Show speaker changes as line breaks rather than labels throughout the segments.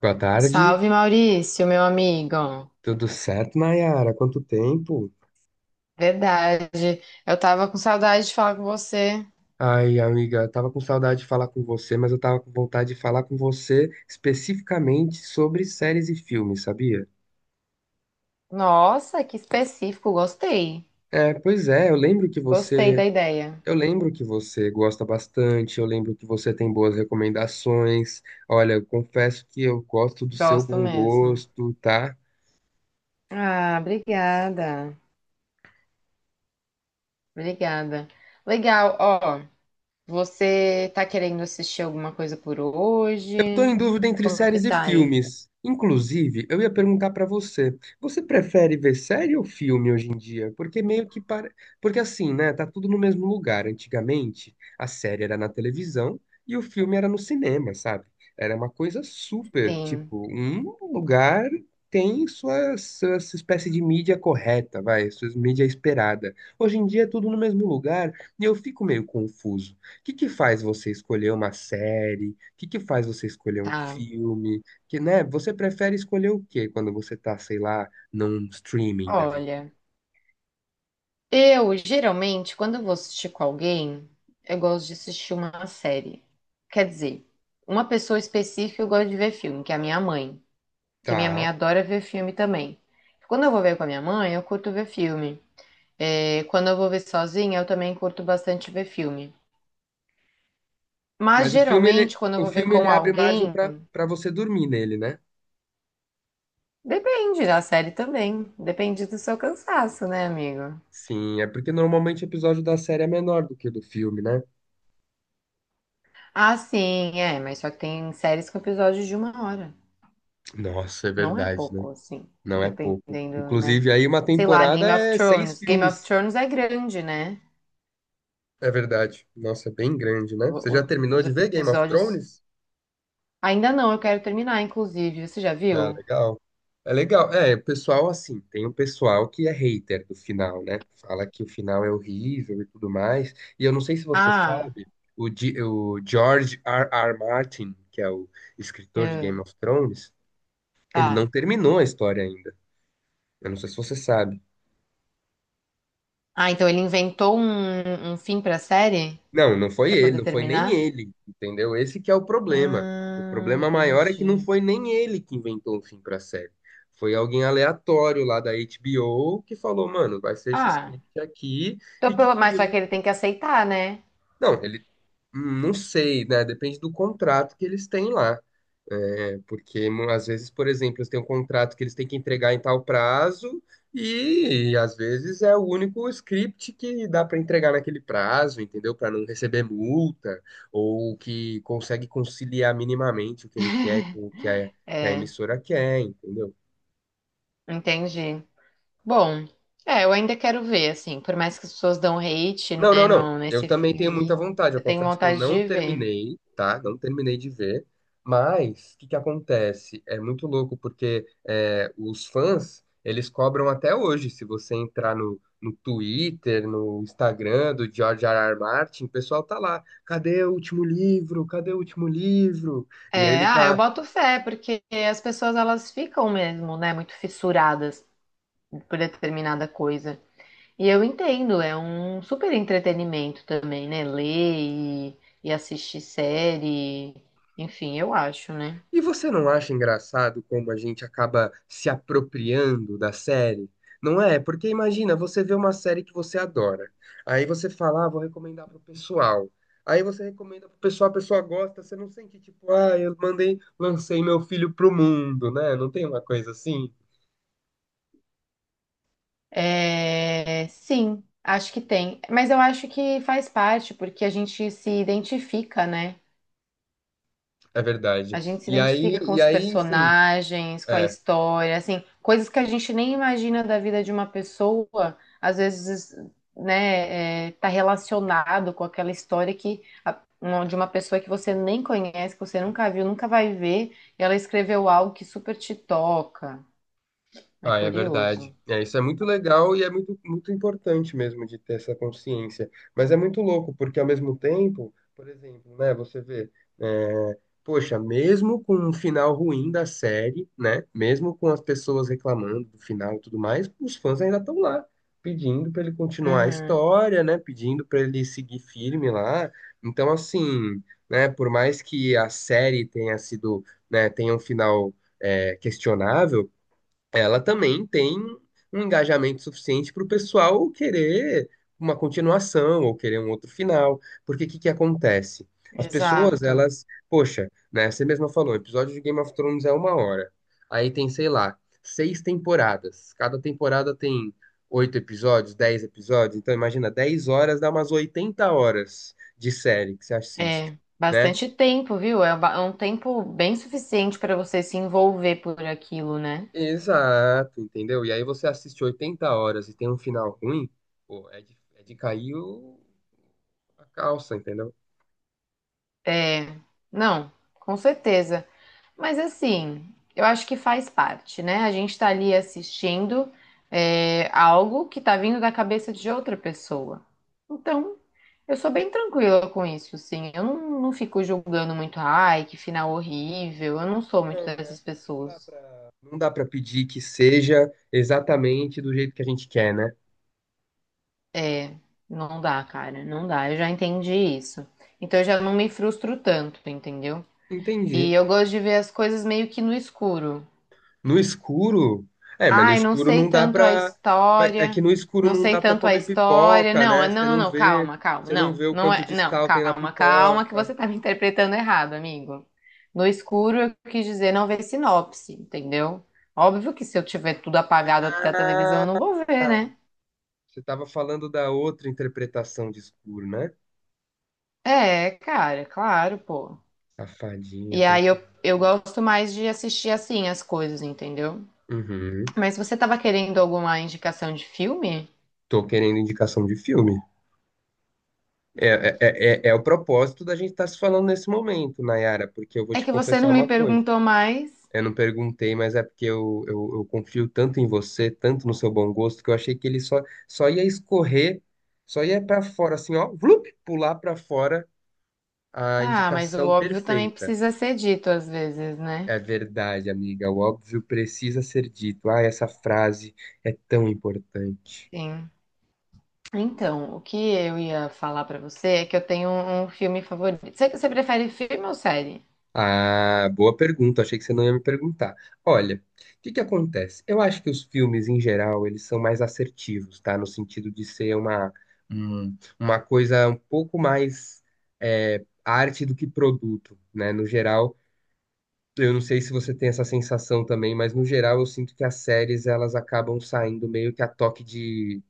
Boa tarde,
Salve Maurício, meu amigo.
tudo certo, Nayara? Quanto tempo?
Verdade. Eu tava com saudade de falar com você.
Ai, amiga, eu tava com saudade de falar com você, mas eu tava com vontade de falar com você especificamente sobre séries e filmes, sabia?
Nossa, que específico. Gostei.
É, pois é,
Gostei da ideia.
eu lembro que você gosta bastante, eu lembro que você tem boas recomendações. Olha, eu confesso que eu gosto do seu
Gosto
bom
mesmo.
gosto, tá?
Ah, obrigada. Obrigada. Legal. Ó, você tá querendo assistir alguma coisa por
Estou
hoje?
em dúvida entre
Como que
séries e
tá aí?
filmes. Inclusive, eu ia perguntar para você, você prefere ver série ou filme hoje em dia? Porque meio que para, Porque assim, né, tá tudo no mesmo lugar. Antigamente, a série era na televisão e o filme era no cinema, sabe? Era uma coisa super,
Sim,
tipo, um lugar tem sua espécie de mídia correta, vai, sua mídia esperada. Hoje em dia é tudo no mesmo lugar e eu fico meio confuso. O que que faz você escolher uma série? O que que faz você escolher um
tá.
filme? Que, né, você prefere escolher o quê quando você tá, sei lá, num streaming da vida?
Olha, eu, geralmente, quando eu vou assistir com alguém, eu gosto de assistir uma série. Quer dizer, uma pessoa específica eu gosto de ver filme, que é a minha mãe. Que minha mãe
Tá.
adora ver filme também. Quando eu vou ver com a minha mãe, eu curto ver filme. É, quando eu vou ver sozinha, eu também curto bastante ver filme. Mas
Mas o filme ele
geralmente, quando eu
o
vou ver
filme
com
ele abre margem
alguém,
pra para você dormir nele, né?
depende da série também. Depende do seu cansaço, né, amigo?
Sim, é porque normalmente o episódio da série é menor do que o do filme, né?
Ah, sim, é, mas só que tem séries com episódios de uma hora.
Nossa, é
Não é
verdade, né?
pouco, assim,
Não é pouco.
dependendo, né?
Inclusive, aí uma
Sei lá,
temporada
Game of
é seis
Thrones. Game of
filmes.
Thrones é grande, né?
É verdade. Nossa, é bem grande, né? Você
O-
já
o-
terminou
os
de ver Game of
episódios.
Thrones?
Ainda não, eu quero terminar, inclusive. Você já
Ah,
viu?
legal. É legal. É, o pessoal, assim, tem um pessoal que é hater do final, né? Fala que o final é horrível e tudo mais. E eu não sei se você
Ah,
sabe, o George R. R. Martin, que é o escritor de
é,
Game of Thrones, ele
tá.
não terminou a história ainda. Eu não sei se você sabe.
Ah, então ele inventou um fim pra série?
Não, não foi
Pra
ele,
poder
não foi nem
terminar?
ele, entendeu? Esse que é o problema. O problema maior é que não
Entendi.
foi nem ele que inventou um fim pra série. Foi alguém aleatório lá da HBO que falou, mano, vai ser esse
Ah,
script aqui
então
e que
pelo... mas só que
criou
ele tem que aceitar, né?
não, ele. Não sei, né? Depende do contrato que eles têm lá. É, porque às vezes, por exemplo, eles têm um contrato que eles têm que entregar em tal prazo, e às vezes é o único script que dá para entregar naquele prazo, entendeu? Para não receber multa, ou que consegue conciliar minimamente o que ele quer com o que a
É,
emissora quer, entendeu?
entendi. Bom, é, eu ainda quero ver, assim, por mais que as pessoas dão hate,
Não, não,
né,
não.
no,
Eu
nesse
também
fim
tenho muita
aí,
vontade. Eu
eu tenho
confesso que eu
vontade
não
de ver.
terminei, tá? Não terminei de ver. Mas o que que acontece? É muito louco porque é, os fãs eles cobram até hoje. Se você entrar no Twitter, no Instagram do George R. R. Martin, o pessoal tá lá. Cadê o último livro? Cadê o último livro? E ele
É, ah, eu
tá
boto fé, porque as pessoas, elas ficam mesmo, né, muito fissuradas por determinada coisa. E eu entendo, é um super entretenimento também, né, ler e assistir série, enfim, eu acho, né.
E você não acha engraçado como a gente acaba se apropriando da série? Não é? Porque imagina, você vê uma série que você adora. Aí você fala, ah, vou recomendar pro pessoal. Aí você recomenda pro pessoal, a pessoa gosta, você não sente tipo, ah, eu mandei, lancei meu filho pro mundo, né? Não tem uma coisa assim?
É, sim, acho que tem, mas eu acho que faz parte, porque a gente se identifica, né.
É verdade.
A gente se
E aí,
identifica com
e
os
aí, enfim,
personagens, com a
é,
história, assim, coisas que a gente nem imagina da vida de uma pessoa, às vezes, né, é, tá relacionado com aquela história que de uma pessoa que você nem conhece, que você nunca viu, nunca vai ver, e ela escreveu algo que super te toca. É
Ah, é verdade.
curioso.
É, isso é muito legal e é muito, muito importante mesmo de ter essa consciência. Mas é muito louco, porque ao mesmo tempo, por exemplo, né, você vê, é, poxa, mesmo com um final ruim da série, né, mesmo com as pessoas reclamando do final e tudo mais, os fãs ainda estão lá, pedindo para ele continuar a
Uhum,
história, né, pedindo para ele seguir firme lá. Então, assim, né, por mais que a série tenha sido, né, tenha um final, é, questionável, ela também tem um engajamento suficiente para o pessoal querer uma continuação ou querer um outro final. Porque o que que acontece? As pessoas,
exato.
elas, poxa, né, você mesma falou, o episódio de Game of Thrones é 1 hora. Aí tem, sei lá, 6 temporadas. Cada temporada tem 8 episódios, 10 episódios. Então imagina, 10 horas dá umas 80 horas de série que você assiste.
É.
Né?
Bastante tempo, viu? É um tempo bem suficiente para você se envolver por aquilo, né?
Exato, entendeu? E aí você assiste 80 horas e tem um final ruim, pô, é de a calça, entendeu?
É, não, com certeza. Mas assim, eu acho que faz parte, né? A gente tá ali assistindo é, algo que tá vindo da cabeça de outra pessoa. Então, eu sou bem tranquila com isso, sim. Eu não, Não fico julgando muito, ai, que final horrível. Eu não sou muito
Não, né?
dessas
Não dá
pessoas.
pra... Não dá pra pedir que seja exatamente do jeito que a gente quer, né?
É, não dá, cara, não dá. Eu já entendi isso. Então, eu já não me frustro tanto, entendeu? E
Entendi.
eu gosto de ver as coisas meio que no escuro.
No escuro? É, mas no
Ai, não
escuro
sei
não dá
tanto a
pra... É que
história.
no escuro
Não
não
sei
dá pra
tanto a
comer
história.
pipoca,
Não,
né?
não, não, não, calma, calma.
Você não
Não,
vê o
não
quanto
é,
de
não,
sal tem na
calma, calma, que
pipoca.
você tá me interpretando errado, amigo. No escuro eu quis dizer não ver sinopse, entendeu? Óbvio que se eu tiver tudo apagado até a televisão, eu
Ah,
não vou ver, né?
você tava falando da outra interpretação de escuro, né?
É, cara, claro, pô.
Safadinha,
E
tá?
aí eu gosto mais de assistir assim as coisas, entendeu?
Uhum.
Mas você tava querendo alguma indicação de filme?
Tô querendo indicação de filme. É, é o propósito da gente estar se falando nesse momento, Nayara, porque eu vou
É
te
que você
confessar
não me
uma coisa.
perguntou mais.
Eu não perguntei, mas é porque eu confio tanto em você, tanto no seu bom gosto, que eu achei que só ia escorrer, só ia pra fora, assim, ó, vlup, pular pra fora a
Ah, mas o
indicação
óbvio também
perfeita.
precisa ser dito às vezes, né?
É verdade, amiga, o óbvio precisa ser dito. Ah, essa frase é tão importante.
Sim. Então, o que eu ia falar pra você é que eu tenho um filme favorito. Você prefere filme ou série?
Ah, boa pergunta. Achei que você não ia me perguntar. Olha, o que que acontece? Eu acho que os filmes, em geral, eles são mais assertivos, tá? No sentido uma coisa um pouco mais é, arte do que produto, né? No geral, eu não sei se você tem essa sensação também, mas no geral eu sinto que as séries, elas acabam saindo meio que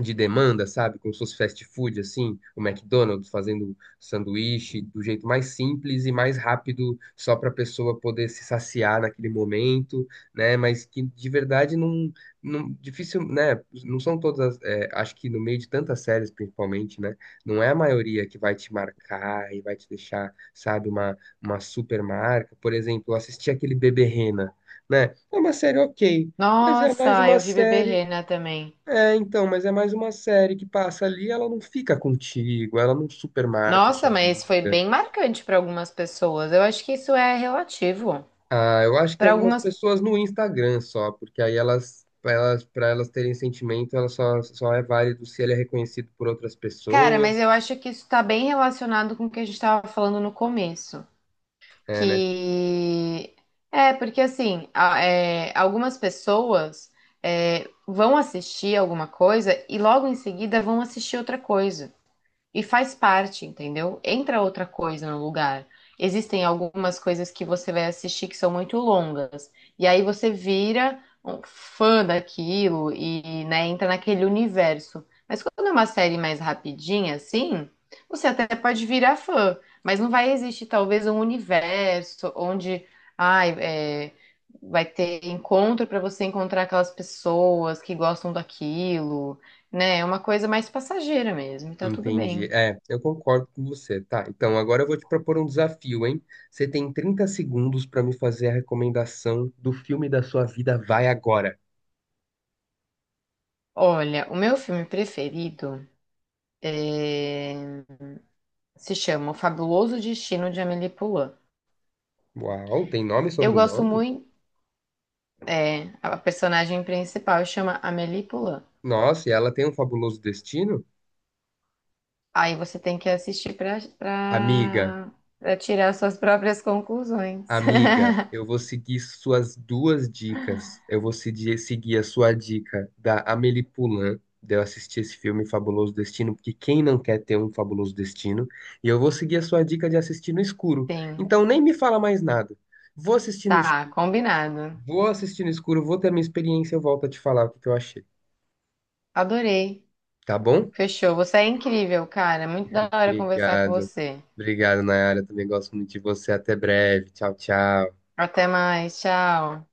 de demanda, sabe? Como se fosse fast food, assim, o McDonald's fazendo sanduíche do jeito mais simples e mais rápido, só para a pessoa poder se saciar naquele momento, né? Mas que de verdade não difícil, né? Não são todas, é, acho que no meio de tantas séries, principalmente, né? Não é a maioria que vai te marcar e vai te deixar, sabe, uma super marca. Por exemplo, eu assisti aquele Bebê Rena, né? É uma série ok. Mas é mais
Nossa,
uma
eu vi Bebê
série
Rena também.
mas é mais uma série que passa ali, ela não fica contigo, ela não supermarca a
Nossa,
sua
mas
vida.
foi bem marcante pra algumas pessoas. Eu acho que isso é relativo.
Ah, eu acho que
Pra
algumas
algumas,
pessoas no Instagram só, porque aí elas, para elas terem sentimento, só é válido se ele é reconhecido por outras
cara, mas
pessoas.
eu acho que isso tá bem relacionado com o que a gente tava falando no começo.
É, né?
Que é porque assim é, algumas pessoas é, vão assistir alguma coisa e logo em seguida vão assistir outra coisa. E faz parte, entendeu? Entra outra coisa no lugar. Existem algumas coisas que você vai assistir que são muito longas. E aí você vira um fã daquilo e, né, entra naquele universo. Mas quando é uma série mais rapidinha, assim, você até pode virar fã. Mas não vai existir, talvez, um universo onde, ai, é, vai ter encontro para você encontrar aquelas pessoas que gostam daquilo, né? É uma coisa mais passageira mesmo, e tá tudo
Entendi.
bem.
É, eu concordo com você. Tá, então agora eu vou te propor um desafio, hein? Você tem 30 segundos para me fazer a recomendação do filme da sua vida, vai agora.
Olha, o meu filme preferido eh, se chama O Fabuloso Destino de Amélie Poulain.
Uau, tem nome e
Eu gosto
sobrenome?
muito, é, a personagem principal chama Amélie Poulain.
Nossa, e ela tem um fabuloso destino?
Aí você tem que assistir
Amiga,
para tirar suas próprias conclusões.
amiga, eu vou seguir suas duas dicas. Eu vou seguir a sua dica da Amélie Poulain, de eu assistir esse filme Fabuloso Destino, porque quem não quer ter um fabuloso destino? E eu vou seguir a sua dica de assistir no escuro.
Sim,
Então nem me fala mais nada. Vou assistir no
tá,
escuro,
combinado.
vou assistir no escuro, vou ter minha experiência, eu volto a te falar o que que eu achei.
Adorei.
Tá bom?
Fechou. Você é incrível, cara. Muito da hora conversar com
Obrigado.
você.
Obrigado, Nayara. Também gosto muito de você. Até breve. Tchau, tchau.
Até mais, tchau.